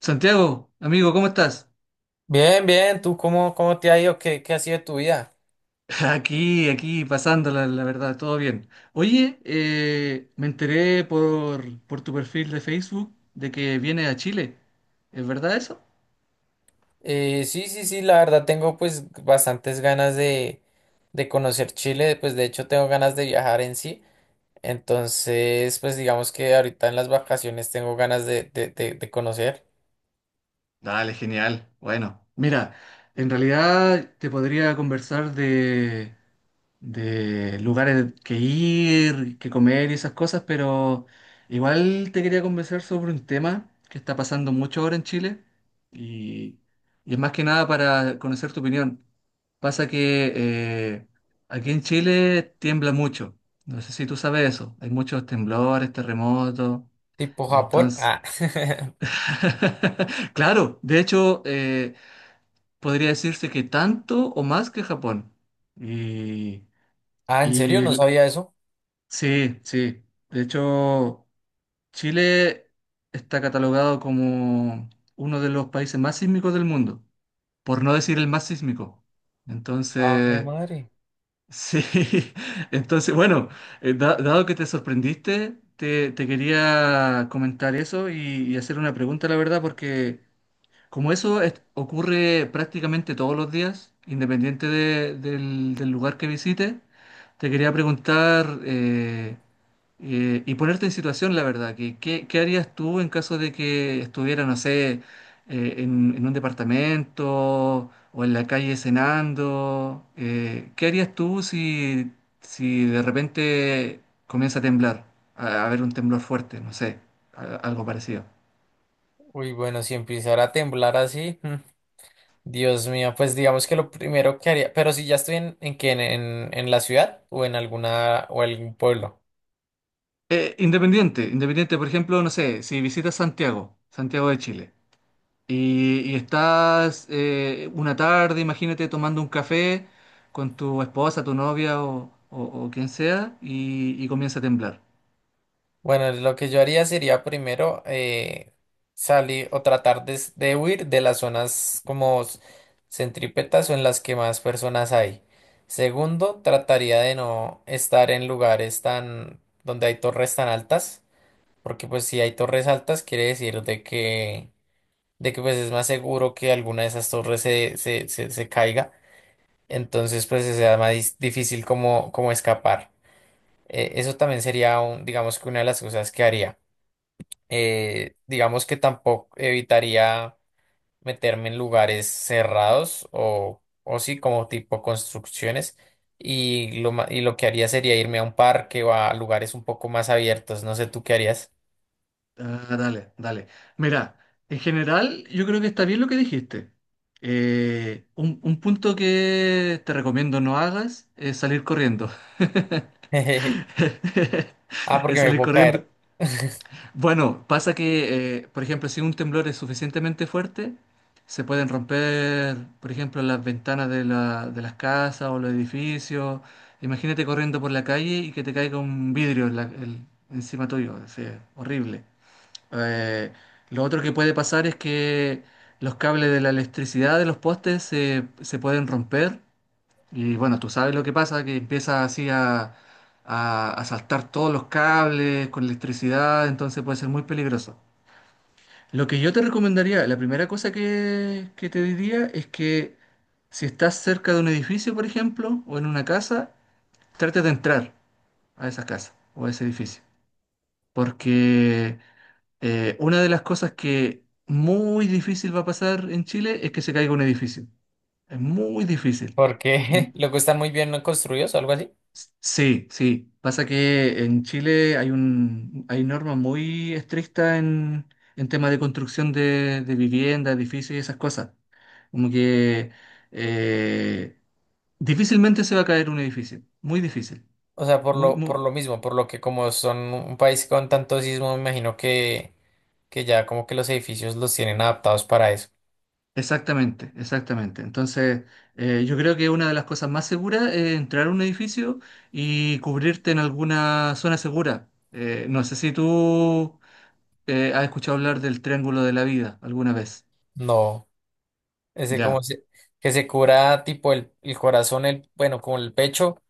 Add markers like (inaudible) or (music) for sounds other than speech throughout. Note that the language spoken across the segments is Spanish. Santiago, amigo, ¿cómo estás? Bien, bien, ¿tú cómo te ha ido? ¿Qué ha sido de tu vida? (laughs) Aquí, pasándola, la verdad, todo bien. Oye, me enteré por tu perfil de Facebook de que vienes a Chile. ¿Es verdad eso? Sí, la verdad tengo pues bastantes ganas de conocer Chile, pues de hecho tengo ganas de viajar en sí, entonces pues digamos que ahorita en las vacaciones tengo ganas de conocer, Dale, genial. Bueno, mira, en realidad te podría conversar de lugares que ir, que comer y esas cosas, pero igual te quería conversar sobre un tema que está pasando mucho ahora en Chile y, y es más que nada para conocer tu opinión. Pasa que eh, aquí en Chile tiembla mucho, no sé si tú sabes eso, hay muchos temblores, terremotos, tipo Japón. entonces... Ah. (laughs) (laughs) Claro, de hecho, podría decirse que tanto o más que Japón. Y, Ah, ¿en serio? No y sabía eso. sí, sí. De hecho, Chile está catalogado como uno de los países más sísmicos del mundo, por no decir el más sísmico. Ah, mi Entonces, madre. sí, (laughs) entonces, bueno, dado que te sorprendiste, te quería comentar eso y hacer una pregunta, la verdad, porque como ocurre prácticamente todos los días, independiente del lugar que visites, te quería preguntar... y ponerte en situación, la verdad, que qué harías tú en caso de que estuviera, no sé, en un departamento o en la calle cenando? ¿Qué harías tú si, si de repente comienza a temblar, a haber un temblor fuerte, no sé, algo parecido? Uy, bueno, si empezara a temblar así, Dios mío, pues digamos que lo primero que haría, pero si ya estoy en la ciudad o en alguna, o algún pueblo. Independiente, por ejemplo, no sé, si visitas Santiago, Santiago de Chile. Y estás una tarde, imagínate, tomando un café con tu esposa, tu novia o quien sea y comienza a temblar. Bueno, lo que yo haría sería primero salir o tratar de huir de las zonas como centrípetas o en las que más personas hay. Segundo, trataría de no estar en lugares tan donde hay torres tan altas, porque pues si hay torres altas quiere decir de que pues es más seguro que alguna de esas torres se caiga, entonces pues sea más difícil como, como escapar. Eso también sería un, digamos que una de las cosas que haría digamos que tampoco evitaría meterme en lugares cerrados o sí, como tipo construcciones. Y y lo que haría sería irme a un parque o a lugares un poco más abiertos. No sé tú qué harías. Ah, dale. Mira, en general yo creo que está bien lo que dijiste. Un punto que te recomiendo no hagas es salir corriendo. (laughs) (laughs) Ah, porque Es me salir puedo corriendo. caer. (laughs) Bueno, pasa que, por ejemplo, si un temblor es suficientemente fuerte, se pueden romper, por ejemplo, las ventanas de de las casas o los edificios. Imagínate corriendo por la calle y que te caiga un vidrio en encima tuyo. Es horrible. Eh, lo otro que puede pasar es que los cables de la electricidad de los postes se pueden romper y bueno, tú sabes lo que pasa, que empieza así a, a saltar todos los cables con electricidad, entonces puede ser muy peligroso. Lo que yo te recomendaría, la primera cosa que te diría es que si estás cerca de un edificio, por ejemplo, o en una casa, trate de entrar a esa casa o a ese edificio. Porque una de las cosas que muy difícil va a pasar en Chile es que se caiga un edificio. Es muy difícil. Y Porque (laughs) luego están muy bien construidos o algo así. sí, sí. Pasa que en Chile hay normas muy estrictas en temas de construcción de vivienda, edificios y esas cosas. Como que eh, difícilmente se va a caer un edificio. Muy difícil. O sea, Muy, por muy- lo mismo, por lo que como son un país con tanto sismo, me imagino que ya como que los edificios los tienen adaptados para eso. Exactamente, exactamente. Entonces, yo creo que una de las cosas más seguras es entrar a un edificio y cubrirte en alguna zona segura. No sé si tú has escuchado hablar del Triángulo de la Vida alguna vez. No. Ese como Ya. Que se cura tipo el corazón, el, bueno, como el pecho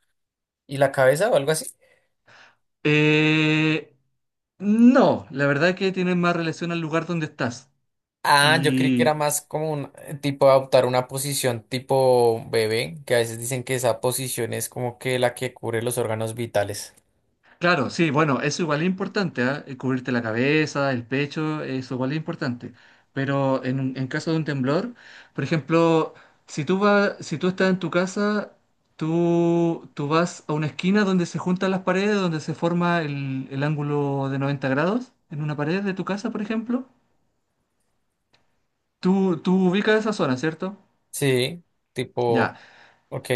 y la cabeza o algo así. Eh, no, la verdad que tienen más relación al lugar donde estás. Ah, yo creí que era Y más como un tipo adoptar una posición tipo bebé, que a veces dicen que esa posición es como que la que cubre los órganos vitales. claro, sí, bueno, eso igual es importante, ¿ah? Cubrirte la cabeza, el pecho, eso igual es importante. Pero en caso de un temblor, por ejemplo, si tú estás en tu casa, tú vas a una esquina donde se juntan las paredes, donde se forma el ángulo de 90 grados en una pared de tu casa, por ejemplo. Tú ubicas esa zona, ¿cierto? Sí, tipo, Ya. ok,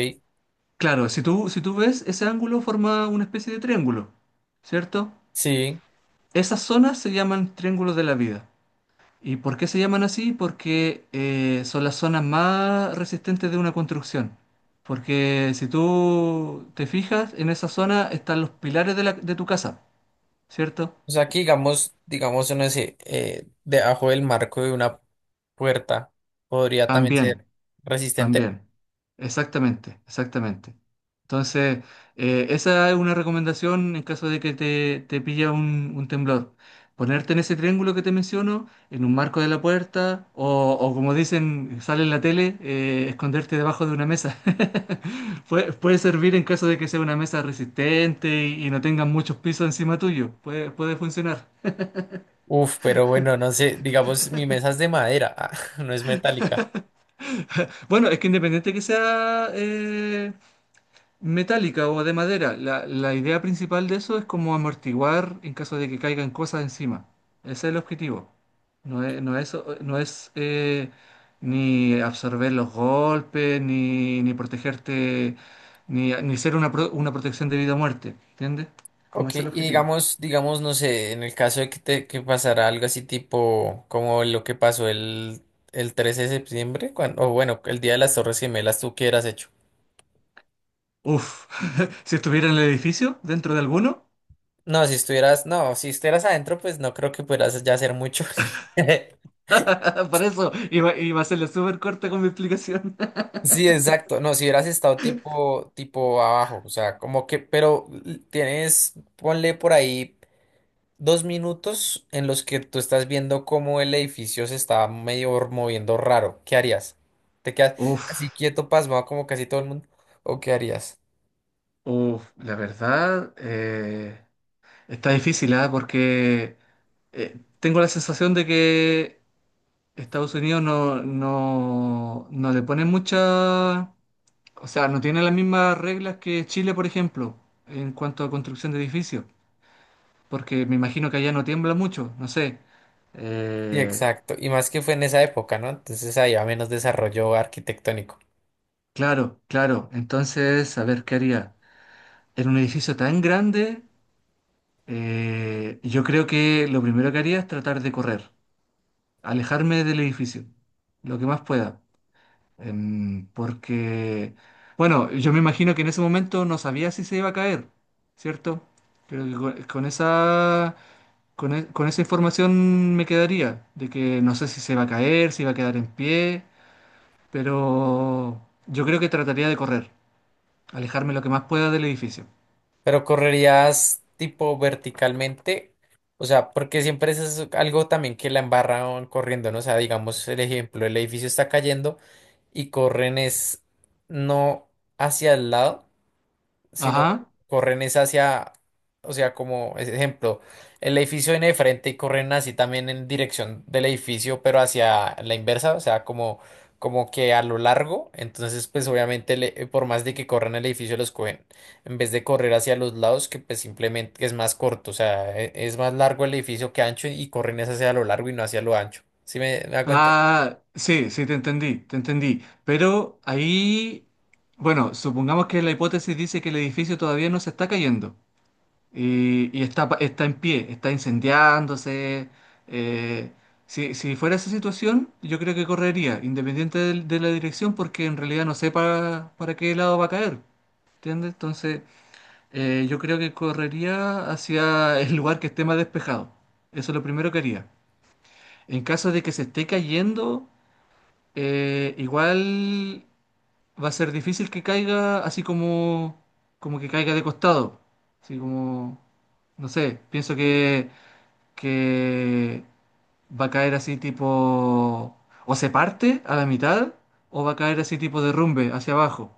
Claro, si tú ves, ese ángulo forma una especie de triángulo, ¿cierto? sí. Esas zonas se llaman triángulos de la vida. ¿Y por qué se llaman así? Porque son las zonas más resistentes de una construcción. Porque si tú te fijas, en esa zona están los pilares de de tu casa, ¿cierto? O sea, aquí digamos, digamos, no sé, debajo del marco de una puerta podría también También, ser resistente. también. Exactamente, exactamente. Entonces, esa es una recomendación en caso de que te pilla un temblor. Ponerte en ese triángulo que te menciono, en un marco de la puerta, o como dicen, sale en la tele, esconderte debajo de una mesa. (laughs) Puede servir en caso de que sea una mesa resistente y no tengan muchos pisos encima tuyo. Puede funcionar. Uf, pero bueno, no sé, digamos, mi mesa es de madera, (laughs) ah, no es metálica. Bueno, es que independiente que sea metálica o de madera. La idea principal de eso es como amortiguar en caso de que caigan cosas encima. Ese es el objetivo. No es ni absorber los golpes, ni protegerte, ni ser una, una protección de vida o muerte. ¿Entiendes? Como Ok, ese es el y objetivo. digamos, digamos, no sé, en el caso de que, te, que pasara algo así tipo como lo que pasó el 13 de septiembre, cuando, o bueno, el día de las Torres Gemelas, ¿tú qué hubieras hecho? Uf, (laughs) si estuviera en el edificio, dentro de alguno, No, si estuvieras, no, si estuvieras adentro, pues no creo que pudieras ya hacer mucho. (laughs) (laughs) para eso iba, iba a hacerle súper corta con mi explicación. (laughs) Sí, exacto. No, si hubieras estado tipo abajo, o sea, como que, pero tienes, ponle por ahí. Dos minutos en los que tú estás viendo cómo el edificio se está medio moviendo raro. ¿Qué harías? ¿Te quedas así Uf, quieto, pasmado como casi todo el mundo? ¿O qué harías? La verdad, está difícil, ¿ah? Porque tengo la sensación de que Estados Unidos no le pone mucha, o sea, no tiene las mismas reglas que Chile, por ejemplo, en cuanto a construcción de edificios, porque me imagino que allá no tiembla mucho, no sé. Sí, Eh, exacto. Y más que fue en esa época, ¿no? Entonces había menos desarrollo arquitectónico. claro, claro. Entonces, a ver, ¿qué haría? En un edificio tan grande, yo creo que lo primero que haría es tratar de correr, alejarme del edificio, lo que más pueda. Porque, bueno, yo me imagino que en ese momento no sabía si se iba a caer, ¿cierto? Creo que con esa, con esa información me quedaría, de que no sé si se va a caer, si va a quedar en pie, pero yo creo que trataría de correr, alejarme lo que más pueda del edificio. Pero correrías tipo verticalmente. O sea, porque siempre eso es algo también que la embarran corriendo, ¿no? O sea, digamos el ejemplo, el edificio está cayendo y corren es no hacia el lado sino Ajá. corren es hacia, o sea, como ejemplo, el edificio viene de frente y corren así también en dirección del edificio, pero hacia la inversa, o sea, como, como que a lo largo, entonces pues obviamente por más de que corran el edificio los cogen, en vez de correr hacia los lados, que pues simplemente es más corto, o sea, es más largo el edificio que ancho y corren es hacia lo largo y no hacia lo ancho. ¿Sí me hago entender? Ah, sí, sí, te entendí, te entendí. Pero ahí, bueno, supongamos que la hipótesis dice que el edificio todavía no se está cayendo. Y está, está en pie, está incendiándose. eh, si, si fuera esa situación, yo creo que correría, independiente la dirección, porque en realidad no sé para qué lado va a caer. ¿Entiendes? Entonces, yo creo que correría hacia (laughs) el lugar que esté más despejado. Eso es lo primero que haría. En caso de que se esté cayendo, igual va a ser difícil que caiga así como, como que caiga de costado. Así como, no sé, pienso que va a caer así tipo, o se parte a la mitad, o va a caer así tipo derrumbe hacia abajo.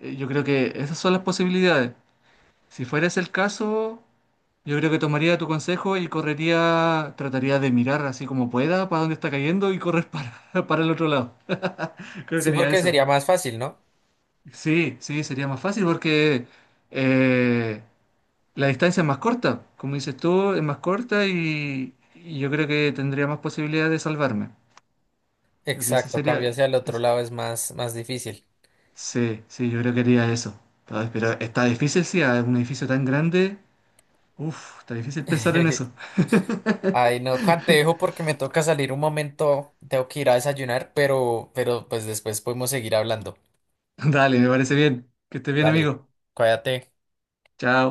Yo creo que esas son las posibilidades. Si fuera ese el caso, yo creo que tomaría tu consejo y correría, trataría de mirar así como pueda para dónde está cayendo y correr para, (laughs) para el otro lado. Creo que Sí, haría porque eso. sería más fácil, ¿no? Sí, sí, sería más fácil porque eh, la distancia es más corta, como dices tú, es más corta y yo creo que tendría más posibilidades de salvarme. Creo que ese Exacto, sería. cambio hacia el otro es- lado es más, más difícil. sí, sí, yo creo que haría eso. Pero está difícil, sí, a un edificio tan grande. Uf, está difícil pensar en eso. (laughs) (laughs) Ay, no, Juan, te dejo porque me toca salir un momento, tengo que ir a desayunar, pero pues después podemos seguir hablando. Dale, me parece bien. Que estés bien, Dale, amigo. cuídate. Chao.